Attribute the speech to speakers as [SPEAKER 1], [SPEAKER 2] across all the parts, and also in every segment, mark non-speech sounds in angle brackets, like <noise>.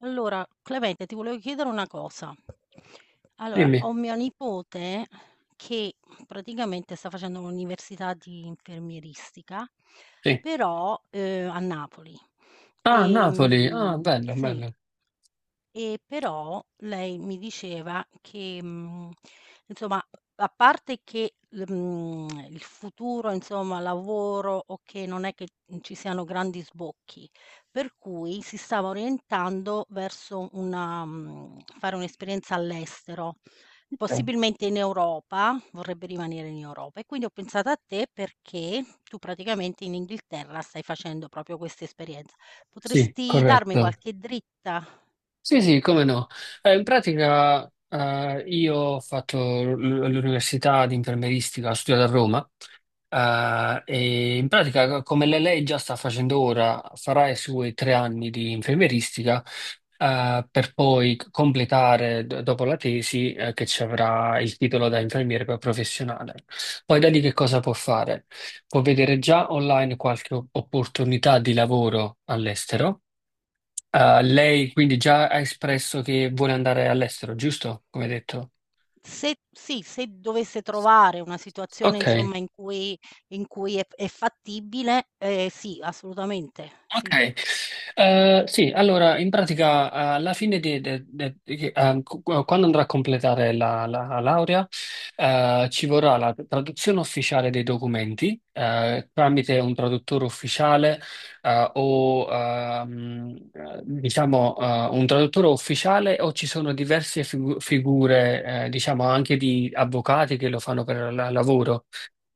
[SPEAKER 1] Allora, Clemente, ti volevo chiedere una cosa. Allora, ho
[SPEAKER 2] Dimmi,
[SPEAKER 1] mia nipote che praticamente sta facendo l'università di infermieristica,
[SPEAKER 2] sì.
[SPEAKER 1] però a Napoli.
[SPEAKER 2] Ah,
[SPEAKER 1] E,
[SPEAKER 2] Napoli, ah, bello,
[SPEAKER 1] sì,
[SPEAKER 2] bello.
[SPEAKER 1] e però lei mi diceva che, insomma, a parte che il futuro, insomma, lavoro, okay, non è che, ci siano grandi sbocchi, per cui si stava orientando verso fare un'esperienza all'estero,
[SPEAKER 2] Ok.
[SPEAKER 1] possibilmente in Europa, vorrebbe rimanere in Europa. E quindi ho pensato a te perché tu praticamente in Inghilterra stai facendo proprio questa esperienza.
[SPEAKER 2] Sì,
[SPEAKER 1] Potresti darmi
[SPEAKER 2] corretto.
[SPEAKER 1] qualche dritta?
[SPEAKER 2] Sì, sì, come no. In pratica, io ho fatto l'università di infermieristica, ho studiato a Roma. E in pratica, come lei già sta facendo ora, farà i suoi 3 anni di infermieristica, per poi completare dopo la tesi, che ci avrà il titolo da infermiere poi professionale. Poi da lì che cosa può fare? Può vedere già online qualche opportunità di lavoro all'estero. Lei quindi già ha espresso che vuole andare all'estero, giusto? Come detto.
[SPEAKER 1] Se sì, se dovesse trovare una situazione
[SPEAKER 2] Ok.
[SPEAKER 1] insomma in cui è fattibile, sì, assolutamente, sì.
[SPEAKER 2] Ok. Sì, allora in pratica alla fine di, de- de- di che- cu- quando andrà a completare la, laurea, ci vorrà la traduzione ufficiale dei documenti tramite un traduttore ufficiale, o diciamo un traduttore ufficiale, o ci sono diverse figure, diciamo anche di avvocati che lo fanno per lavoro,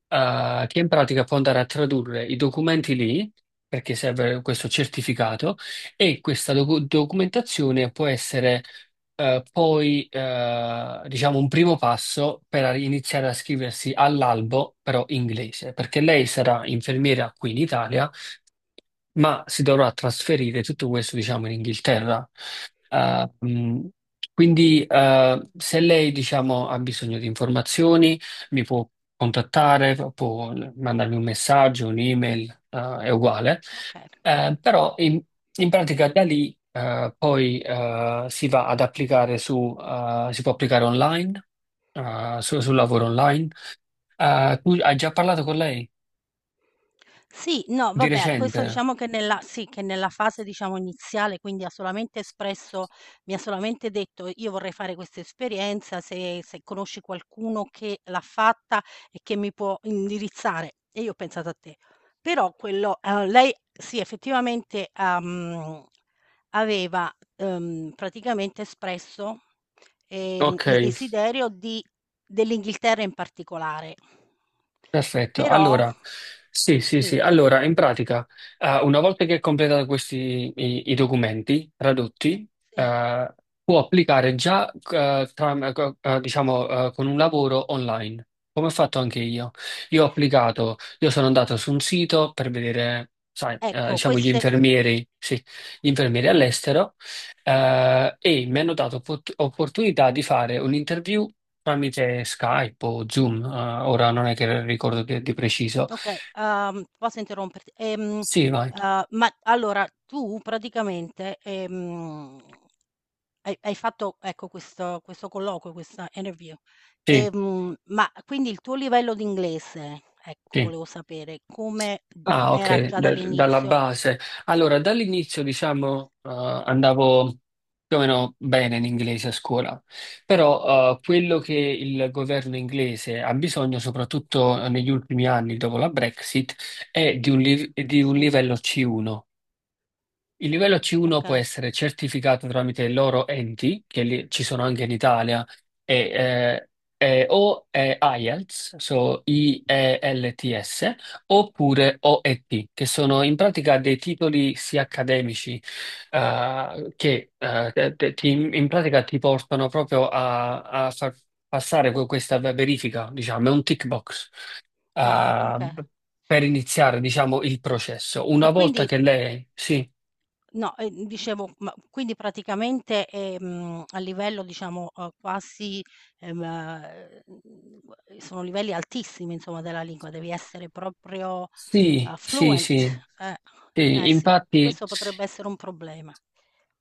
[SPEAKER 2] che in pratica può andare a tradurre i documenti lì, perché serve questo certificato e questa documentazione. Può essere, poi, diciamo, un primo passo per iniziare a scriversi all'albo però inglese, perché lei sarà infermiera qui in Italia, ma si dovrà trasferire tutto questo, diciamo, in Inghilterra. Eh, mh, quindi, se lei, diciamo, ha bisogno di informazioni, mi può contattare, può mandarmi un messaggio, un'email, è uguale.
[SPEAKER 1] Okay.
[SPEAKER 2] Però in pratica da lì, poi, si va ad applicare si può applicare online, sul lavoro online. Tu hai già parlato con lei
[SPEAKER 1] Sì, no,
[SPEAKER 2] di
[SPEAKER 1] vabbè, questo
[SPEAKER 2] recente?
[SPEAKER 1] diciamo che nella fase diciamo iniziale, quindi ha solamente espresso mi ha solamente detto: "Io vorrei fare questa esperienza, se conosci qualcuno che l'ha fatta e che mi può indirizzare". E io ho pensato a te. Però quello lei sì, effettivamente, ha aveva, praticamente espresso,
[SPEAKER 2] Ok.
[SPEAKER 1] il desiderio di dell'Inghilterra in particolare.
[SPEAKER 2] Perfetto,
[SPEAKER 1] Però
[SPEAKER 2] allora, sì, sì, sì,
[SPEAKER 1] sì.
[SPEAKER 2] allora, in pratica, una volta che hai completato questi i, i documenti tradotti,
[SPEAKER 1] Sì,
[SPEAKER 2] eh, può applicare già, diciamo, con un lavoro online, come ho fatto anche io. Io ho applicato, io sono andato su un sito per vedere, sai,
[SPEAKER 1] ecco
[SPEAKER 2] diciamo, gli
[SPEAKER 1] queste
[SPEAKER 2] infermieri, sì, gli infermieri all'estero, e mi hanno dato opportunità di fare un'interview tramite Skype o Zoom, ora non è che ricordo di preciso.
[SPEAKER 1] okay, posso interromperti,
[SPEAKER 2] Sì, vai.
[SPEAKER 1] ma allora tu praticamente, hai fatto ecco questo colloquio, questa interview,
[SPEAKER 2] Sì,
[SPEAKER 1] ma quindi il tuo livello di inglese, ecco
[SPEAKER 2] sì.
[SPEAKER 1] volevo sapere come
[SPEAKER 2] Ah,
[SPEAKER 1] era
[SPEAKER 2] ok,
[SPEAKER 1] già
[SPEAKER 2] dalla
[SPEAKER 1] dall'inizio?
[SPEAKER 2] base. Allora, dall'inizio, diciamo, andavo più o meno bene in inglese a scuola, però quello che il governo inglese ha bisogno, soprattutto negli ultimi anni dopo la Brexit, è di un
[SPEAKER 1] Sì,
[SPEAKER 2] livello C1. Il livello C1 può
[SPEAKER 1] okay.
[SPEAKER 2] essere certificato tramite i loro enti, che ci sono anche in Italia, e, eh, o IELTS, so IELTS, oppure OET, che sono in pratica dei titoli sia accademici, che in pratica ti portano proprio a, far passare questa verifica, diciamo, è un tick box,
[SPEAKER 1] Ah,
[SPEAKER 2] eh,
[SPEAKER 1] okay.
[SPEAKER 2] per iniziare, diciamo, il processo.
[SPEAKER 1] E
[SPEAKER 2] Una
[SPEAKER 1] quindi
[SPEAKER 2] volta che lei, sì.
[SPEAKER 1] no, dicevo, ma quindi praticamente, a livello diciamo, quasi, sono livelli altissimi insomma della lingua, devi essere proprio,
[SPEAKER 2] Sì, sì,
[SPEAKER 1] fluent.
[SPEAKER 2] sì.
[SPEAKER 1] Eh,
[SPEAKER 2] Sì,
[SPEAKER 1] eh sì,
[SPEAKER 2] infatti.
[SPEAKER 1] questo potrebbe essere un problema.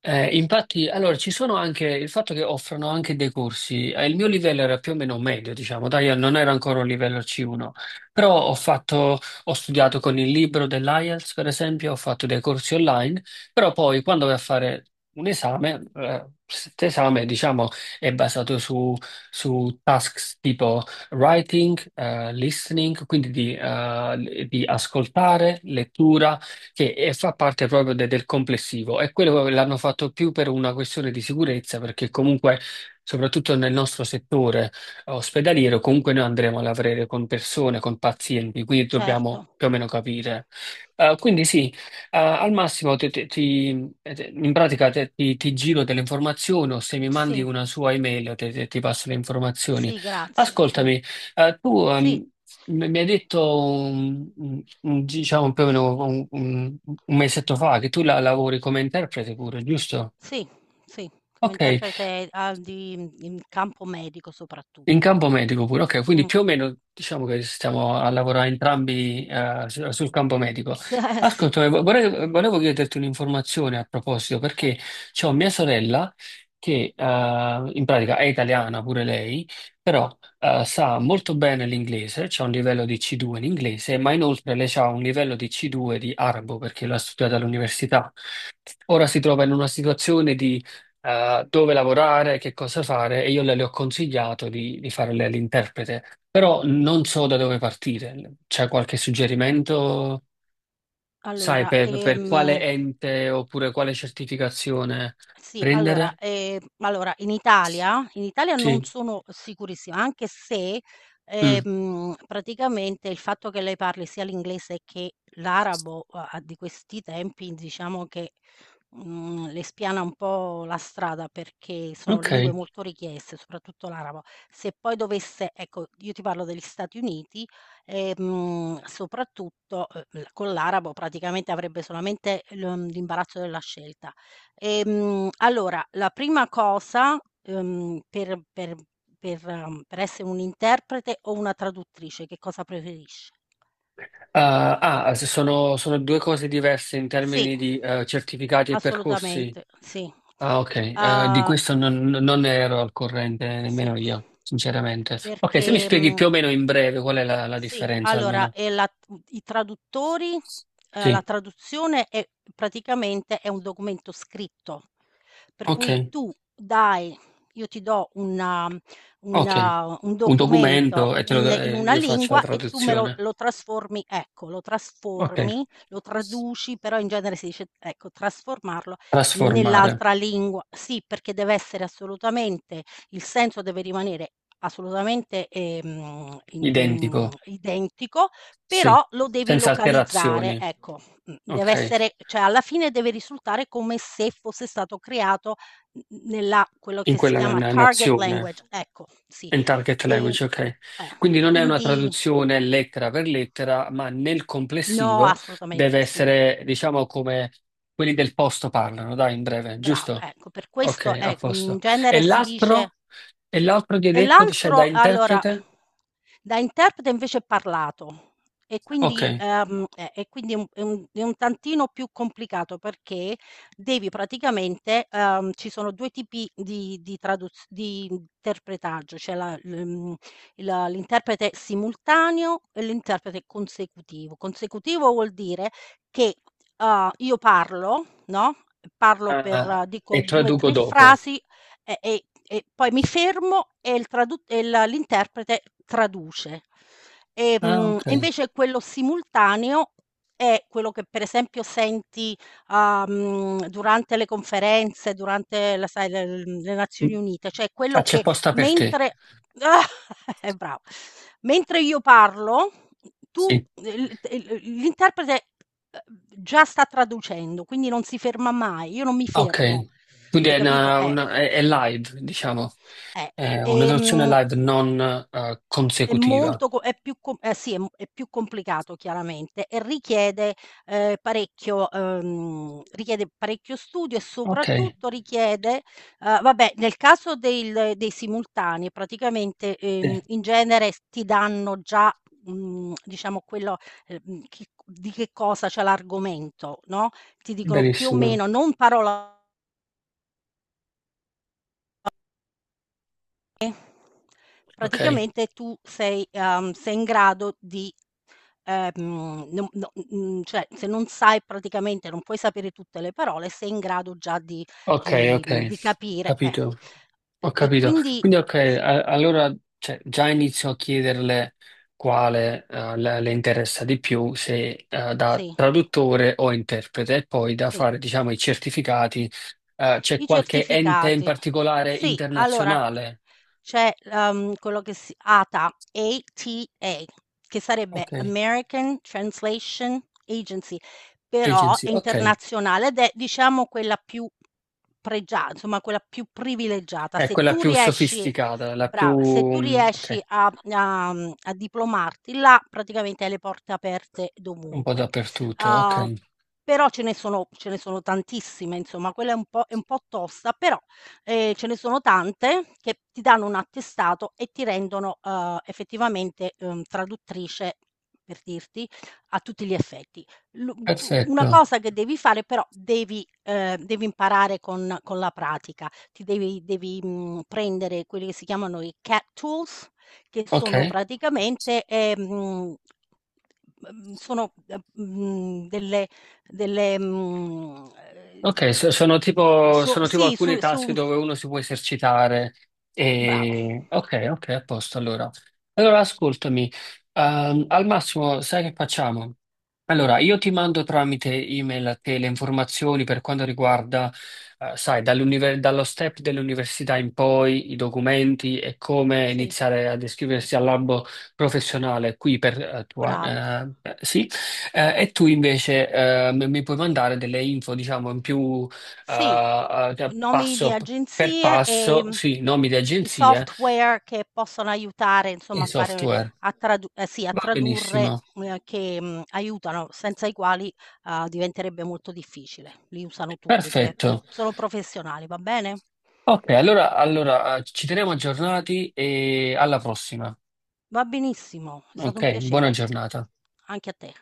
[SPEAKER 2] Infatti, allora ci sono anche il fatto che offrono anche dei corsi. Il mio livello era più o meno medio, diciamo, dai, io non era ancora un livello C1, però ho fatto, ho studiato con il libro dell'IELTS, per esempio, ho fatto dei corsi online, però poi quando vai a fare un esame, questo esame, diciamo, è basato su tasks tipo writing, listening, quindi di di ascoltare, lettura che fa parte proprio del complessivo, e quello l'hanno fatto più per una questione di sicurezza, perché comunque, soprattutto nel nostro settore ospedaliero, comunque noi andremo a lavorare con persone, con pazienti, quindi
[SPEAKER 1] Certo.
[SPEAKER 2] dobbiamo più o meno capire. Quindi sì, al massimo in pratica ti giro delle informazioni, o se mi mandi
[SPEAKER 1] Sì,
[SPEAKER 2] una sua email ti passo le informazioni.
[SPEAKER 1] sì, grazie, sì.
[SPEAKER 2] Ascoltami. Tu
[SPEAKER 1] Sì.
[SPEAKER 2] mi hai detto diciamo più o meno un mesetto fa che tu la lavori come interprete pure, giusto?
[SPEAKER 1] Sì, sì, come
[SPEAKER 2] Ok.
[SPEAKER 1] interprete, ah, in campo medico
[SPEAKER 2] In
[SPEAKER 1] soprattutto.
[SPEAKER 2] campo medico pure, ok, quindi
[SPEAKER 1] Mh.
[SPEAKER 2] più o meno diciamo che stiamo a lavorare entrambi, sul campo medico.
[SPEAKER 1] <laughs> S eh sì,
[SPEAKER 2] Ascolta, volevo chiederti un'informazione a proposito, perché
[SPEAKER 1] certo.
[SPEAKER 2] c'ho mia sorella che, in pratica, è italiana pure lei, però sa molto bene l'inglese, c'ha un livello di C2 in inglese, ma inoltre lei ha un livello di C2 di arabo perché l'ha studiato all'università. Ora si trova in una situazione di, dove lavorare, che cosa fare, e io le, ho consigliato di fare l'interprete, però non so da dove partire. C'è qualche suggerimento, sai,
[SPEAKER 1] Allora,
[SPEAKER 2] per quale ente oppure quale certificazione
[SPEAKER 1] sì, allora,
[SPEAKER 2] prendere?
[SPEAKER 1] allora in Italia non
[SPEAKER 2] Sì.
[SPEAKER 1] sono sicurissima, anche se,
[SPEAKER 2] Mm,
[SPEAKER 1] praticamente il fatto che lei parli sia l'inglese che l'arabo a di questi tempi diciamo che, le spiana un po' la strada perché sono
[SPEAKER 2] ok.
[SPEAKER 1] lingue molto richieste, soprattutto l'arabo. Se poi dovesse ecco, io ti parlo degli Stati Uniti, soprattutto, l con l'arabo praticamente avrebbe solamente l'imbarazzo della scelta. Allora, la prima cosa, per per essere un interprete o una traduttrice, che cosa preferisci?
[SPEAKER 2] Sono due cose diverse in
[SPEAKER 1] Sì,
[SPEAKER 2] termini di, certificati e percorsi.
[SPEAKER 1] assolutamente, sì.
[SPEAKER 2] Ah, ok, di
[SPEAKER 1] Uhm,
[SPEAKER 2] questo non, ero al corrente
[SPEAKER 1] sì,
[SPEAKER 2] nemmeno io, sinceramente. Ok, se mi
[SPEAKER 1] perché,
[SPEAKER 2] spieghi
[SPEAKER 1] mhmm
[SPEAKER 2] più o meno in breve qual è la
[SPEAKER 1] sì,
[SPEAKER 2] differenza,
[SPEAKER 1] allora,
[SPEAKER 2] almeno.
[SPEAKER 1] i traduttori la
[SPEAKER 2] Sì,
[SPEAKER 1] traduzione è un documento scritto. Per
[SPEAKER 2] ok,
[SPEAKER 1] cui tu dai io ti do
[SPEAKER 2] ok.
[SPEAKER 1] una un
[SPEAKER 2] Un
[SPEAKER 1] documento
[SPEAKER 2] documento e te lo,
[SPEAKER 1] in
[SPEAKER 2] e
[SPEAKER 1] una
[SPEAKER 2] io faccio la
[SPEAKER 1] lingua e tu me lo
[SPEAKER 2] traduzione.
[SPEAKER 1] trasformi ecco, lo
[SPEAKER 2] Ok,
[SPEAKER 1] trasformi, lo traduci, però in genere si dice, ecco, trasformarlo
[SPEAKER 2] trasformare,
[SPEAKER 1] nell'altra lingua. Sì, perché deve essere assolutamente il senso deve rimanere assolutamente, i im
[SPEAKER 2] identico,
[SPEAKER 1] identico,
[SPEAKER 2] sì,
[SPEAKER 1] però lo devi
[SPEAKER 2] senza
[SPEAKER 1] localizzare,
[SPEAKER 2] alterazioni,
[SPEAKER 1] ecco. Deve
[SPEAKER 2] ok,
[SPEAKER 1] essere cioè alla fine deve risultare come se fosse stato creato n nella quello
[SPEAKER 2] in
[SPEAKER 1] che si
[SPEAKER 2] quella
[SPEAKER 1] chiama target
[SPEAKER 2] nazione.
[SPEAKER 1] language, ecco, sì.
[SPEAKER 2] In target
[SPEAKER 1] Ehm,
[SPEAKER 2] language, ok. Quindi
[SPEAKER 1] eh,
[SPEAKER 2] non è una
[SPEAKER 1] quindi
[SPEAKER 2] traduzione lettera per lettera, ma nel
[SPEAKER 1] no,
[SPEAKER 2] complessivo
[SPEAKER 1] assolutamente
[SPEAKER 2] deve
[SPEAKER 1] sì,
[SPEAKER 2] essere, diciamo, come quelli del posto parlano, dai, in breve,
[SPEAKER 1] brava,
[SPEAKER 2] giusto?
[SPEAKER 1] ecco, per questo,
[SPEAKER 2] Ok, a
[SPEAKER 1] in
[SPEAKER 2] posto. E
[SPEAKER 1] genere si dice.
[SPEAKER 2] l'altro? E l'altro che hai
[SPEAKER 1] E
[SPEAKER 2] detto, c'è da
[SPEAKER 1] l'altro allora,
[SPEAKER 2] interprete?
[SPEAKER 1] da interprete invece è parlato e
[SPEAKER 2] Ok.
[SPEAKER 1] quindi e quindi è un tantino più complicato perché devi praticamente ci sono 2 tipi di interpretaggio, c'è la l'uhm, il l'interprete simultaneo e l'interprete consecutivo. Consecutivo vuol dire che, io parlo, no, parlo per
[SPEAKER 2] Ah, e
[SPEAKER 1] dico 2,
[SPEAKER 2] traduco
[SPEAKER 1] 3
[SPEAKER 2] dopo.
[SPEAKER 1] frasi e poi mi fermo e il tradu e la l'interprete traduce. Ehm,
[SPEAKER 2] Ah, ok.
[SPEAKER 1] invece quello simultaneo è quello che per esempio senti, durante le conferenze, durante la sai le l le Nazioni Unite, cioè
[SPEAKER 2] Ah,
[SPEAKER 1] quello
[SPEAKER 2] c'è
[SPEAKER 1] che
[SPEAKER 2] posta per te.
[SPEAKER 1] mentre <laughs> brava. Mentre io parlo, tu
[SPEAKER 2] Sì.
[SPEAKER 1] il l'interprete, uhm, già sta traducendo, quindi non si ferma mai, io non mi fermo.
[SPEAKER 2] Ok. Quindi
[SPEAKER 1] Hai
[SPEAKER 2] è,
[SPEAKER 1] capito?
[SPEAKER 2] una- una- è- è live, diciamo.
[SPEAKER 1] Eh,
[SPEAKER 2] È una traduzione
[SPEAKER 1] ehm,
[SPEAKER 2] live, non
[SPEAKER 1] è
[SPEAKER 2] consecutiva.
[SPEAKER 1] molto co è più co eh sì, è più complicato chiaramente e richiede, parecchio richiede parecchio studio e
[SPEAKER 2] Ok.
[SPEAKER 1] soprattutto richiede vabbè, nel caso del dei simultanei praticamente,
[SPEAKER 2] Sì,
[SPEAKER 1] in genere s ti danno già, diciamo quello, chi di che cosa c'è l'argomento, no, ti dicono più o
[SPEAKER 2] benissimo.
[SPEAKER 1] meno, non parola.
[SPEAKER 2] Ok,
[SPEAKER 1] Praticamente tu sei sei in grado di ehm, no cioè se non sai praticamente non puoi sapere tutte le parole, sei in grado già di
[SPEAKER 2] ok, ok,
[SPEAKER 1] di capire.
[SPEAKER 2] capito, ho
[SPEAKER 1] E
[SPEAKER 2] capito.
[SPEAKER 1] quindi
[SPEAKER 2] Quindi, ok,
[SPEAKER 1] sì,
[SPEAKER 2] allora, cioè, già inizio a chiederle quale, le interessa di più, se da
[SPEAKER 1] sì,
[SPEAKER 2] traduttore o interprete, e poi da
[SPEAKER 1] sì.
[SPEAKER 2] fare, diciamo, i certificati. C'è
[SPEAKER 1] I
[SPEAKER 2] qualche ente in
[SPEAKER 1] certificati.
[SPEAKER 2] particolare
[SPEAKER 1] Sì, allora
[SPEAKER 2] internazionale?
[SPEAKER 1] c'è, quello che si ATA, ATA, che sarebbe
[SPEAKER 2] Ok,
[SPEAKER 1] American Translation Agency, però
[SPEAKER 2] agency,
[SPEAKER 1] è
[SPEAKER 2] ok,
[SPEAKER 1] internazionale ed è diciamo quella più pregia insomma quella più privilegiata.
[SPEAKER 2] è
[SPEAKER 1] Se
[SPEAKER 2] quella
[SPEAKER 1] tu
[SPEAKER 2] più
[SPEAKER 1] riesci
[SPEAKER 2] sofisticata, la più,
[SPEAKER 1] brava, se tu riesci
[SPEAKER 2] ok,
[SPEAKER 1] a diplomarti là, praticamente hai le porte aperte
[SPEAKER 2] un po'
[SPEAKER 1] dovunque.
[SPEAKER 2] dappertutto,
[SPEAKER 1] Uhm,
[SPEAKER 2] ok,
[SPEAKER 1] però ce ne sono tantissime, insomma, quella è un po' tosta, però, ce ne sono tante che ti danno un attestato e ti rendono, effettivamente, traduttrice, per dirti, a tutti gli effetti. Lu u una
[SPEAKER 2] perfetto,
[SPEAKER 1] cosa che devi fare però devi imparare con la pratica. Ti devi, prendere quelli che si chiamano i CAT tools che
[SPEAKER 2] ok.
[SPEAKER 1] sono praticamente, mhmm, sono, delle, mhmm, ehm,
[SPEAKER 2] Ok, sono tipo, sono tipo
[SPEAKER 1] sì,
[SPEAKER 2] alcune task
[SPEAKER 1] su
[SPEAKER 2] dove uno si può esercitare.
[SPEAKER 1] bravo.
[SPEAKER 2] Ok, ok, a posto allora. Allora, ascoltami, al massimo, sai che facciamo? Allora, io ti mando tramite email a te le informazioni per quanto riguarda, sai, dallo step dell'università in poi, i documenti e come
[SPEAKER 1] Sì,
[SPEAKER 2] iniziare ad iscriversi al albo professionale qui per, tua,
[SPEAKER 1] bravo.
[SPEAKER 2] sì, e tu invece mi puoi mandare delle info, diciamo, in più,
[SPEAKER 1] Sì,
[SPEAKER 2] eh, cioè,
[SPEAKER 1] nomi di
[SPEAKER 2] passo per
[SPEAKER 1] agenzie e,
[SPEAKER 2] passo, sì, nomi di
[SPEAKER 1] i
[SPEAKER 2] agenzie
[SPEAKER 1] software che possono aiutare insomma
[SPEAKER 2] e
[SPEAKER 1] a fare
[SPEAKER 2] software.
[SPEAKER 1] a tradu sì, a
[SPEAKER 2] Va
[SPEAKER 1] tradurre,
[SPEAKER 2] benissimo.
[SPEAKER 1] che, aiutano, senza i quali, diventerebbe molto difficile. Li usano tutti, inso e le
[SPEAKER 2] Perfetto.
[SPEAKER 1] sono professionali, va bene?
[SPEAKER 2] Ok, allora, ci teniamo aggiornati e alla prossima.
[SPEAKER 1] Va benissimo, è stato
[SPEAKER 2] Ok,
[SPEAKER 1] un
[SPEAKER 2] buona
[SPEAKER 1] piacere.
[SPEAKER 2] giornata.
[SPEAKER 1] Anche a te.